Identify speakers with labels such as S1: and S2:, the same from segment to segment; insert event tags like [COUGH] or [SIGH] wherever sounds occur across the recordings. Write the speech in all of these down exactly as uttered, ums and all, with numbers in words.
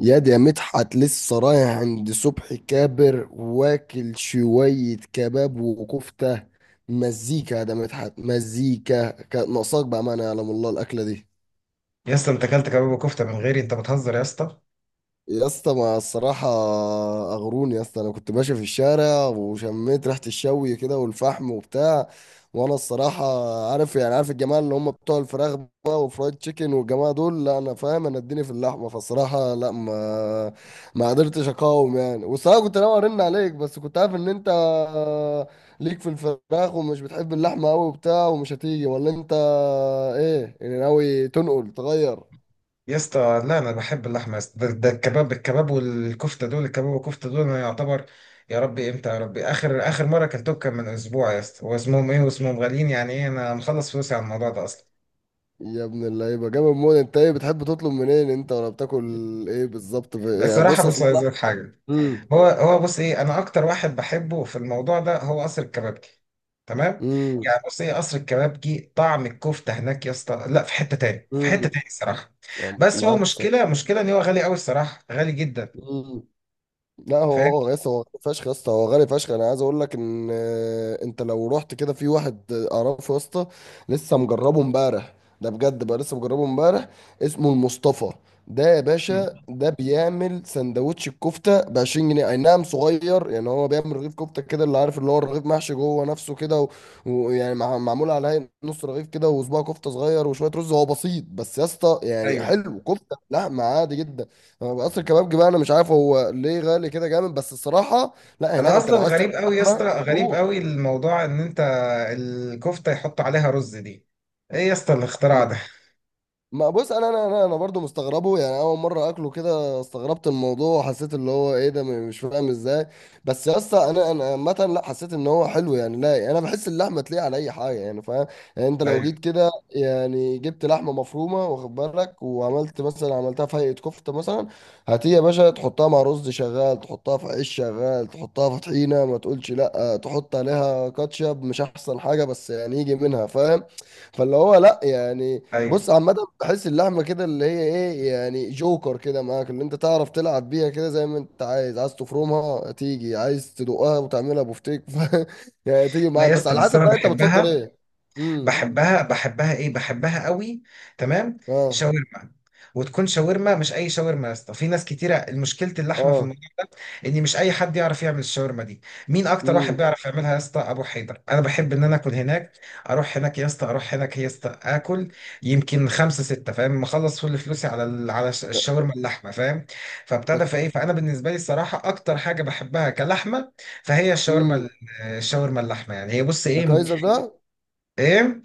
S1: ياد يا مدحت، لسه رايح عند صبحي كابر واكل شوية كباب وكفتة. مزيكا يا ده مدحت، مزيكا كانت ناقصاك بأمانة، يعلم الله الأكلة دي.
S2: يا اسطى انت اكلت كباب وكفته من غيري؟ انت بتهزر يا اسطى.
S1: يا اسطى ما الصراحة، أغروني يا اسطى، أنا كنت ماشي في الشارع وشميت ريحة الشوي كده والفحم وبتاع. وأنا الصراحة، عارف يعني عارف الجماعة اللي هم بتوع الفراخ بقى وفرايد تشيكن والجماعة دول، لا أنا فاهم، أنا اديني في اللحمة، فالصراحة لا ما ما قدرتش أقاوم يعني. والصراحة كنت ناوي أرن عليك بس كنت عارف إن أنت ليك في الفراخ ومش بتحب اللحمة أوي وبتاع ومش هتيجي، ولا أنت إيه يعني، ناوي تنقل تغير؟
S2: يا اسطى، لا انا بحب اللحمه يا اسطى. ده, ده الكباب. الكباب والكفته دول الكباب والكفته دول انا يعتبر. يا ربي امتى يا ربي؟ اخر اخر مره اكلتهم كان من اسبوع يا اسطى، واسمهم ايه واسمهم، غاليين يعني، ايه انا مخلص فلوسي على الموضوع ده اصلا.
S1: يا ابن اللعيبه، جامد موت. انت ايه بتحب تطلب منين، انت ولا بتاكل ايه بالظبط في... يعني
S2: الصراحه
S1: بص
S2: بص،
S1: اصل
S2: عايز
S1: لا.
S2: أقول لك حاجه.
S1: امم.
S2: هو هو بص ايه، انا اكتر واحد بحبه في الموضوع ده هو قصر الكبابجي. تمام.
S1: امم.
S2: يعني بص ايه، قصر الكبابجي طعم الكفته هناك يا اسطى، لا في حته تاني، في حته
S1: امم.
S2: تاني الصراحه. بس هو
S1: معاك.
S2: مشكله مشكله ان هو غالي قوي الصراحه، غالي جدا.
S1: صح. لا
S2: فاهم.
S1: هو هو يا اسطى، هو غالي فشخ، يا اسطى هو غالي فشخ. انا عايز اقول لك ان آه، انت لو رحت كده في واحد اعرفه يا اسطى، لسه مجربه امبارح. ده بجد بقى، لسه مجربه امبارح. اسمه المصطفى. ده يا
S2: مم.
S1: باشا ده بيعمل سندوتش الكفته ب عشرين جنيه، اي نعم صغير، يعني هو بيعمل رغيف كفته كده اللي عارف، اللي هو الرغيف محشي جوه نفسه كده و- ويعني مع- معمول على هيئة نص رغيف كده وصباع كفته صغير وشويه رز. هو بسيط بس يا اسطى، يعني
S2: ايوه.
S1: حلو. كفته لا عادي جدا. هو قصر الكبابجي بقى، انا مش عارف هو ليه غالي كده جامد بس الصراحه. لا هناك
S2: انا
S1: انت
S2: اصلا
S1: لو عايز
S2: غريب
S1: تاكل
S2: قوي يا اسطى،
S1: لحمه
S2: غريب
S1: تروح.
S2: قوي الموضوع ان انت الكفته يحط عليها رز دي، ايه يا اسطى الاختراع ده؟
S1: ما بص، انا انا انا انا برضو مستغربه يعني. اول مره اكله كده استغربت الموضوع وحسيت اللي هو ايه ده، م- مش فاهم ازاي. بس يا اسطى انا انا عامه لا حسيت ان هو حلو يعني. لا يعني انا بحس اللحمه تليق على اي حاجه يعني، فاهم؟ يعني انت لو
S2: ايوه
S1: جيت كده يعني جبت لحمه مفرومه واخد بالك وعملت مثلا، عملتها في هيئه كفته مثلا، هاتيه يا باشا، تحطها مع رز شغال، تحطها في عيش شغال، تحطها في طحينه، ما تقولش لا تحط عليها كاتشب مش احسن حاجه، بس يعني يجي منها، فاهم؟ فاللي هو لا يعني.
S2: ايوه.
S1: بص عامة، بحس اللحمة كده اللي هي ايه، يعني جوكر كده معاك، اللي انت تعرف تلعب بيها كده زي ما انت عايز عايز تفرمها تيجي، عايز تدقها وتعملها بفتيك [LAUGHS] ف... يعني تيجي
S2: لا
S1: معاك،
S2: يا
S1: بس
S2: اسطى،
S1: على
S2: بس
S1: حسب
S2: انا
S1: بقى انت بتفضل
S2: بحبها.
S1: ايه. امم.
S2: بحبها بحبها ايه، بحبها قوي. تمام.
S1: اه.
S2: شاورما. وتكون شاورما مش اي شاورما يا اسطى، في ناس كتيره مشكله اللحمه في
S1: اه.
S2: الموضوع ان مش اي حد يعرف يعمل الشاورما دي. مين اكتر واحد
S1: امم.
S2: بيعرف يعملها يا اسطى؟ ابو حيدر. انا بحب ان انا اكل هناك، اروح هناك يا اسطى، اروح هناك يا اسطى اكل. يمكن خمسة ستة، فاهم، مخلص كل فلوسي على ال- على الش-
S1: ده
S2: الشاورما اللحمه، فاهم. فابتدى
S1: ده
S2: في ايه، فانا بالنسبه لي الصراحه اكتر حاجه بحبها كلحمه فهي الشاورما ال-
S1: امم.
S2: الشاورما اللحمه. يعني هي بص
S1: ده
S2: ايه.
S1: كايزر ده
S2: ايه؟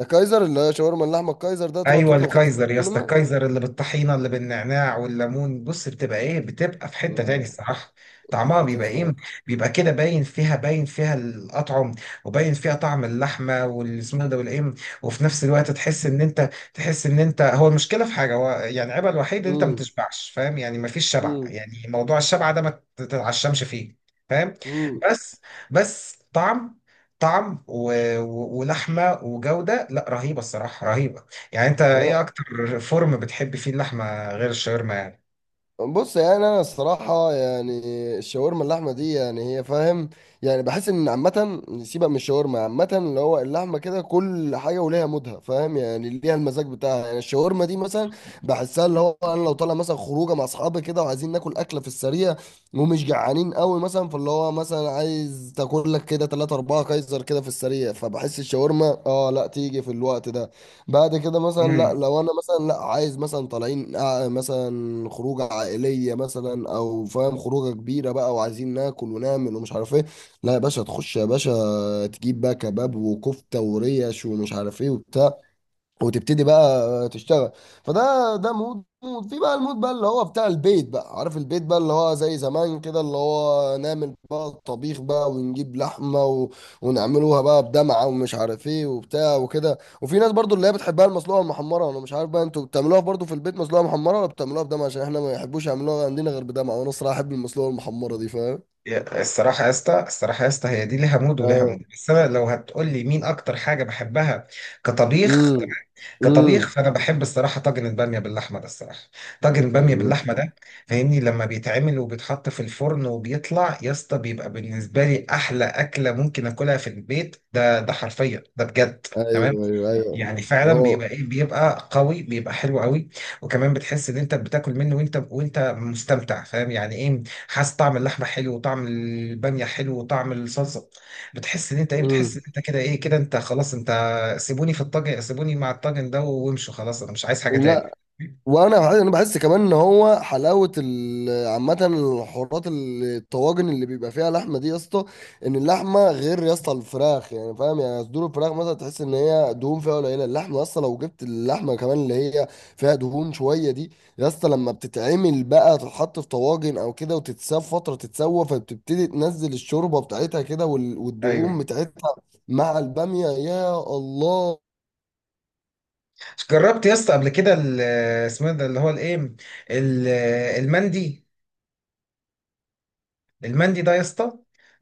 S1: ده كايزر اللي هي شاورما اللحمة. الكايزر ده تروح
S2: ايوه
S1: تطلب خمسة
S2: الكايزر يا اسطى،
S1: منه.
S2: الكايزر اللي بالطحينه اللي بالنعناع والليمون، بص بتبقى ايه، بتبقى في حته تاني
S1: لا
S2: الصراحه. طعمها بيبقى
S1: بتفهم.
S2: ايه، بيبقى كده باين فيها، باين فيها الاطعم وباين فيها طعم اللحمه والسمنه ده والايه. وفي نفس الوقت تحس ان انت، تحس ان انت، هو المشكله في حاجه، هو يعني عيبها الوحيد ان انت ما
S1: امم.
S2: بتشبعش فاهم يعني، ما فيش شبع
S1: امم.
S2: يعني، موضوع الشبع ده ما تتعشمش فيه. فاهم.
S1: امم.
S2: بس. بس طعم. طعم و... و... ولحمه وجوده، لا رهيبه الصراحه، رهيبه. يعني انت ايه اكتر فورم بتحب فيه اللحمه غير الشاورما يعني؟
S1: بص يعني انا الصراحه يعني الشاورما اللحمه دي يعني هي، فاهم؟ يعني بحس ان عامه سيبك من الشاورما، عامه اللي هو اللحمه كده كل حاجه وليها مودها، فاهم؟ يعني ليها المزاج بتاعها. يعني الشاورما دي مثلا بحسها اللي هو انا لو طالع مثلا خروجه مع اصحابي كده وعايزين ناكل اكله في السريع ومش جعانين قوي مثلا، فاللي هو مثلا عايز تاكل لك كده تلاته اربعه كايزر كده في السريع، فبحس الشاورما اه لا تيجي في الوقت ده. بعد كده مثلا، لا
S2: امم.
S1: لو انا مثلا، لا عايز مثلا طالعين آه، مثلا خروجه عائليه مثلا، او فاهم خروجه كبيره بقى وعايزين ناكل ونعمل ومش عارف ايه، لا يا باشا تخش يا باشا تجيب بقى كباب وكفته وريش ومش عارف ايه وبتاع وتبتدي بقى تشتغل. فده ده مود مود في بقى المود بقى اللي هو بتاع البيت بقى، عارف؟ البيت بقى اللي هو زي زمان كده، اللي هو نعمل بقى الطبيخ بقى ونجيب لحمة و... ونعملوها بقى بدمعة ومش عارف ايه وبتاع وكده. وفي ناس برضو اللي هي بتحبها المسلوقة المحمرة، انا مش عارف بقى انتوا بتعملوها برضو في البيت مسلوقة محمرة ولا بتعملوها بدمعة؟ عشان احنا ما يحبوش يعملوها عندنا غير بدمعة، وانا الصراحة احب المسلوقة المحمرة دي، فاهم؟
S2: يا، الصراحه يا اسطى، الصراحه يا اسطى، هي دي ليها مود وليها
S1: اه.
S2: مود، بس انا لو هتقول لي مين اكتر حاجه بحبها كطبيخ.
S1: امم.
S2: كطبيخ
S1: امم.
S2: فانا بحب الصراحه طاجن الباميه باللحمه ده الصراحه. طاجن الباميه باللحمه ده، فاهمني، لما بيتعمل وبيتحط في الفرن وبيطلع يا اسطى، بيبقى بالنسبه لي احلى اكله ممكن اكلها في البيت ده، ده حرفيا ده بجد. تمام.
S1: ايوه، ايوه، ايوه.
S2: يعني فعلا بيبقى
S1: هو.
S2: ايه، بيبقى قوي، بيبقى حلو قوي. وكمان بتحس ان انت بتاكل منه وانت وانت مستمتع، فاهم يعني ايه، حاسس طعم اللحمه حلو وطعم الباميه حلو وطعم الصلصه. بتحس ان انت ايه، بتحس
S1: امم.
S2: ان انت كده ايه، كده انت خلاص انت، سيبوني في الطاجن، سيبوني مع الطاجن ده وامشوا، خلاص انا مش عايز حاجه
S1: لا
S2: تاني.
S1: وانا بحس- انا بحس كمان ان هو حلاوه ال- عامه الحوارات ال- الطواجن اللي بيبقى فيها لحمه دي يا اسطى. ان اللحمه غير يا اسطى الفراخ، يعني فاهم؟ يعني صدور الفراخ مثلا تحس ان هي دهون فيها قليله. اللحمه يا اسطى لو جبت اللحمه كمان اللي هي فيها دهون شويه دي، يا اسطى لما بتتعمل بقى تتحط في طواجن او كده وتتساب فتره تتسوى، فبتبتدي تنزل الشوربه بتاعتها كده وال- والدهون
S2: ايوه.
S1: بتاعتها مع الباميه، يا الله.
S2: جربت يا اسطى قبل كده ال- اسمه إيه ده اللي هو الايه، ال- المندي؟ المندي ده يا اسطى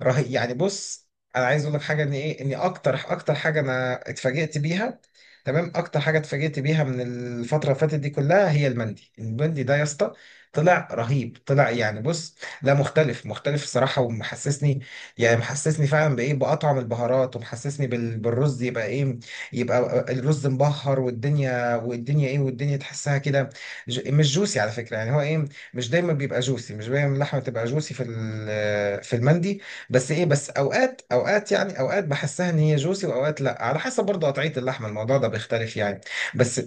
S2: رهيب، يعني بص، انا عايز اقول لك حاجه ان ايه، ان اكتر اكتر حاجه انا اتفاجئت بيها، تمام، اكتر حاجه اتفاجئت بيها من الفتره اللي فاتت دي كلها، هي المندي. المندي ده يا اسطى طلع رهيب، طلع يعني بص، لا مختلف مختلف الصراحه، ومحسسني، يعني محسسني فعلا بايه، باطعم البهارات، ومحسسني بال- بالرز، يبقى ايه، يبقى الرز مبهر والدنيا، والدنيا ايه، والدنيا تحسها كده. ج- مش جوسي على فكره، يعني هو ايه، مش دايما بيبقى جوسي، مش دايما اللحمه بتبقى جوسي في ال- في المندي. بس ايه، بس اوقات اوقات يعني، اوقات بحسها ان هي جوسي واوقات لا، على حسب برضه قطعيه اللحمه الموضوع ده بيختلف يعني. بس.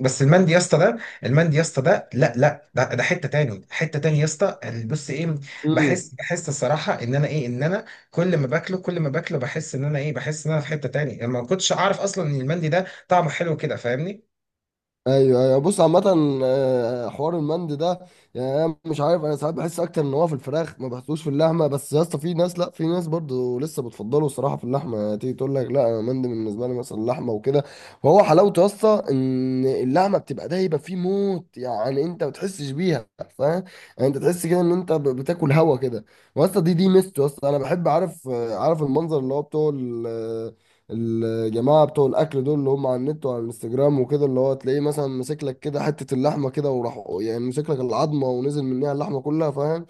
S2: بس المندي يا اسطى ده، المندي يا اسطى ده، لا لا، ده, ده حته تاني، حته تاني يا اسطى. بص ايه، بحس بحس الصراحه ان انا ايه، ان انا كل ما باكله كل ما باكله بحس ان انا ايه، بحس ان انا في حته تاني، يعني ما كنتش اعرف اصلا ان المندي ده طعمه حلو كده، فاهمني.
S1: ايوه ايوه، بص عامة. آه، حوار المند ده، يعني انا مش عارف، انا ساعات بحس اكتر ان هو في الفراخ ما بحسوش في اللحمة، بس يا اسطى في ناس لا، في ناس برضو لسه بتفضله الصراحة في اللحمة، يعني تيجي تقول لك لا انا المند بالنسبة لي مثلا اللحمة وكده. فهو حلاوته يا اسطى ان اللحمة بتبقى دايبة فيه موت يعني، انت ما بتحسش بيها، فاهم؟ يعني انت تحس كده ان انت ب- بتاكل هوا كده. واسطى دي دي ميزته يا اسطى. انا بحب، عارف آه، عارف المنظر اللي هو بتوع الجماعة بتوع الأكل دول اللي هم على النت وعلى الانستجرام وكده، اللي هو تلاقيه مثلا ماسك لك كده حتة اللحمة كده، وراح يعني ماسك لك العظمة ونزل منها اللحمة كلها، فاهم؟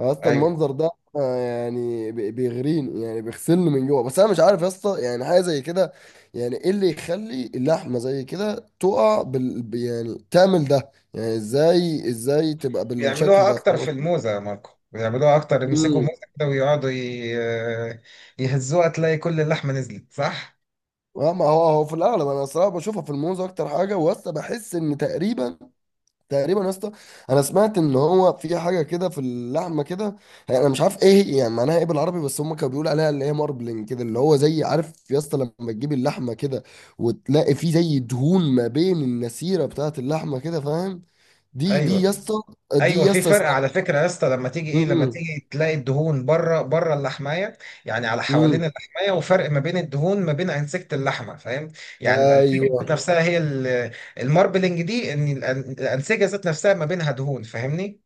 S1: أصلا
S2: ايوه،
S1: المنظر ده آه، يعني بي- بيغريني يعني بيغسلني من جوه. بس أنا مش عارف يا اسطى يعني حاجة زي كده. يعني إيه اللي يخلي اللحمة زي كده تقع بال ب- يعني تعمل ده يعني إزاي إزاي تبقى بالشكل
S2: بيعملوها
S1: ده،
S2: اكتر
S1: فاهم
S2: في
S1: قصدي؟
S2: الموزة يا ماركو، بيعملوها اكتر، يمسكوا
S1: مم.
S2: موزة كده ويقعدوا ي- يهزوها، تلاقي كل اللحمة نزلت، صح.
S1: اه، ما هو هو في الأغلب أنا الصراحة بشوفها في الموز أكتر حاجة. وأصلا بحس إن تقريبا تقريبا يا اسطى، انا سمعت ان هو في حاجه كده في اللحمه كده، يعني انا مش عارف ايه هي، يعني معناها ايه بالعربي، بس هم كانوا بيقولوا عليها اللي هي ماربلنج كده، اللي هو زي، عارف يا اسطى لما تجيب اللحمه كده وتلاقي فيه زي دهون ما بين النسيره بتاعه اللحمه كده، فاهم؟ دي دي يا
S2: ايوه
S1: اسطى، دي
S2: ايوه،
S1: يا
S2: في
S1: اسطى
S2: فرق
S1: اسمها.
S2: على فكره يا اسطى لما تيجي ايه، لما
S1: امم.
S2: تيجي تلاقي الدهون بره بره اللحمايه، يعني على حوالين
S1: امم.
S2: اللحمايه، وفرق ما بين الدهون ما بين انسجه اللحمه فاهم، يعني الانسجه
S1: ايوه،
S2: ذات نفسها هي ال- الماربلنج دي، ان الأن- الانسجه ذات نفسها ما بينها دهون، فاهمني.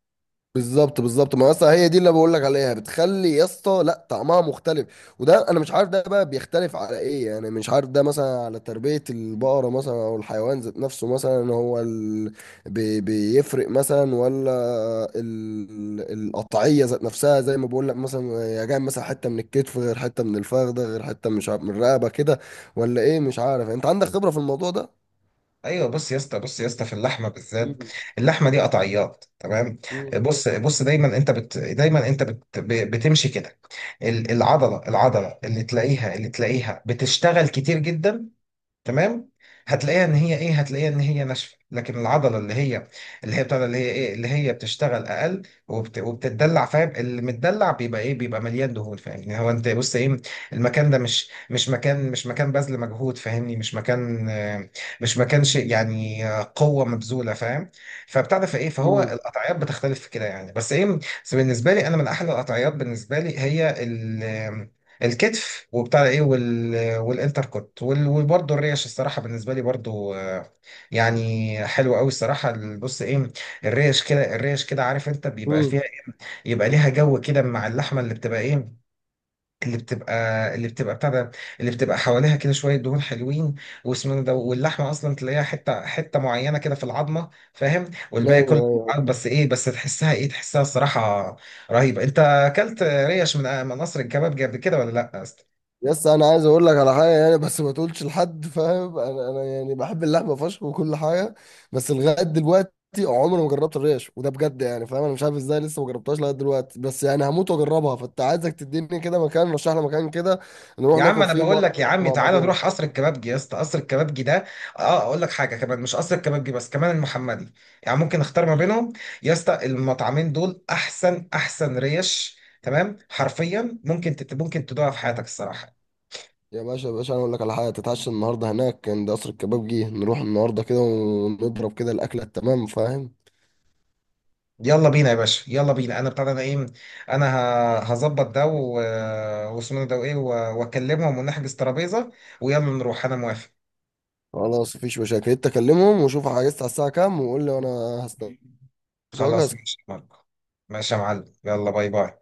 S1: بالظبط بالظبط. ما اصلا هي دي اللي بقول لك عليها، بتخلي يا اسطى لا طعمها مختلف. وده انا مش عارف ده بقى بيختلف على ايه، يعني مش عارف ده مثلا على تربية البقرة مثلا او الحيوان ذات نفسه مثلا، هو ال... بي... بيفرق مثلا، ولا ال... القطعية ذات نفسها زي ما بقول لك مثلا يا جاي مثلا، حتة من الكتف غير حتة من الفخذ غير حتة مش عارف من الرقبة كده، ولا ايه؟ مش عارف، انت عندك خبرة في الموضوع ده؟
S2: ايوه. بص يا اسطى، بص يا اسطى، في اللحمه بالذات
S1: مم.
S2: اللحمه دي قطعيات، تمام،
S1: مم.
S2: بص بص، دايما انت بت دايما انت بت ب- بتمشي كده، ال- العضله العضله اللي تلاقيها، اللي تلاقيها بتشتغل كتير جدا، تمام، هتلاقيها ان هي ايه، هتلاقيها ان هي ناشفه. لكن العضله اللي هي، اللي هي بتاع ده، اللي هي ايه، اللي هي بتشتغل اقل وبت... وبتتدلع، فاهم، اللي متدلع بيبقى ايه، بيبقى مليان دهون، فاهمني. هو انت بص ايه، المكان ده مش مش مكان، مش مكان بذل مجهود، فاهمني، مش مكان آه، مش مكان شيء يعني، آه، قوه مبذوله، فاهم. فبتاع ده فايه، فهو
S1: مم.
S2: القطعيات بتختلف في كده يعني، بس ايه، بس بالنسبه لي انا من احلى القطعيات بالنسبه لي هي ال... آه، الكتف، وبتاع ده ايه، وال والانتر كوت، وال- وبرضه الريش الصراحه بالنسبه لي برضه، آه، يعني حلوه قوي الصراحه، ال- بص ايه، الريش كده، الريش كده، عارف انت بيبقى
S1: مم.
S2: فيها إيه؟ يبقى ليها جو كده مع اللحمه اللي بتبقى ايه، اللي بتبقى اللي بتبقى بتاع ده، اللي بتبقى حواليها كده شويه دهون حلوين، واسمه ده، واللحمه اصلا تلاقيها حته حته معينه كده في العظمه، فاهم، والباقي كله،
S1: ايوه.
S2: بس ايه، بس تحسها ايه، تحسها الصراحه رهيبه. انت اكلت ريش من من قصر الكبابجي قبل كده ولا لا؟
S1: يس، انا عايز اقول لك على حاجه يعني، بس ما تقولش لحد، فاهم؟ انا انا يعني بحب اللحمه فشخ وكل حاجه، بس لغايه دلوقتي عمري ما جربت الريش. وده بجد يعني فاهم، انا مش عارف ازاي لسه ما جربتهاش لغايه دلوقتي، بس يعني هموت واجربها. فانت عايزك تديني كده مكان، رشح لي مكان كده نروح
S2: يا عم
S1: ناكل
S2: انا
S1: فيه
S2: بقول
S1: مره
S2: لك يا عمي،
S1: مع
S2: تعالى
S1: بعضنا.
S2: نروح قصر الكبابجي يا اسطى، قصر الكبابجي ده، اه اقول لك حاجه كمان، مش قصر الكبابجي بس، كمان المحمدي، يعني ممكن اختار ما بينهم. يا اسطى المطعمين دول احسن احسن ريش، تمام، حرفيا ممكن تت... ممكن تدوقها في حياتك الصراحه.
S1: يا باشا يا باشا انا اقول لك على حاجه، تتعشى النهارده هناك عند قصر الكباب جه، نروح النهارده كده ونضرب كده الاكله التمام، فاهم؟
S2: يلا بينا يا باشا، يلا بينا، انا بتاع ده، انا ايه، انا ه- هظبط ده و... واسمه ده وايه و- واكلمهم ونحجز ترابيزه، ويلا نروح، انا موافق.
S1: خلاص مفيش مشاكل، انت كلمهم وشوف عايز على الساعه كام وقول لي، وانا
S2: خلاص
S1: هستنى.
S2: ماشي يا ماركو. ماشي يا معلم، يلا باي باي.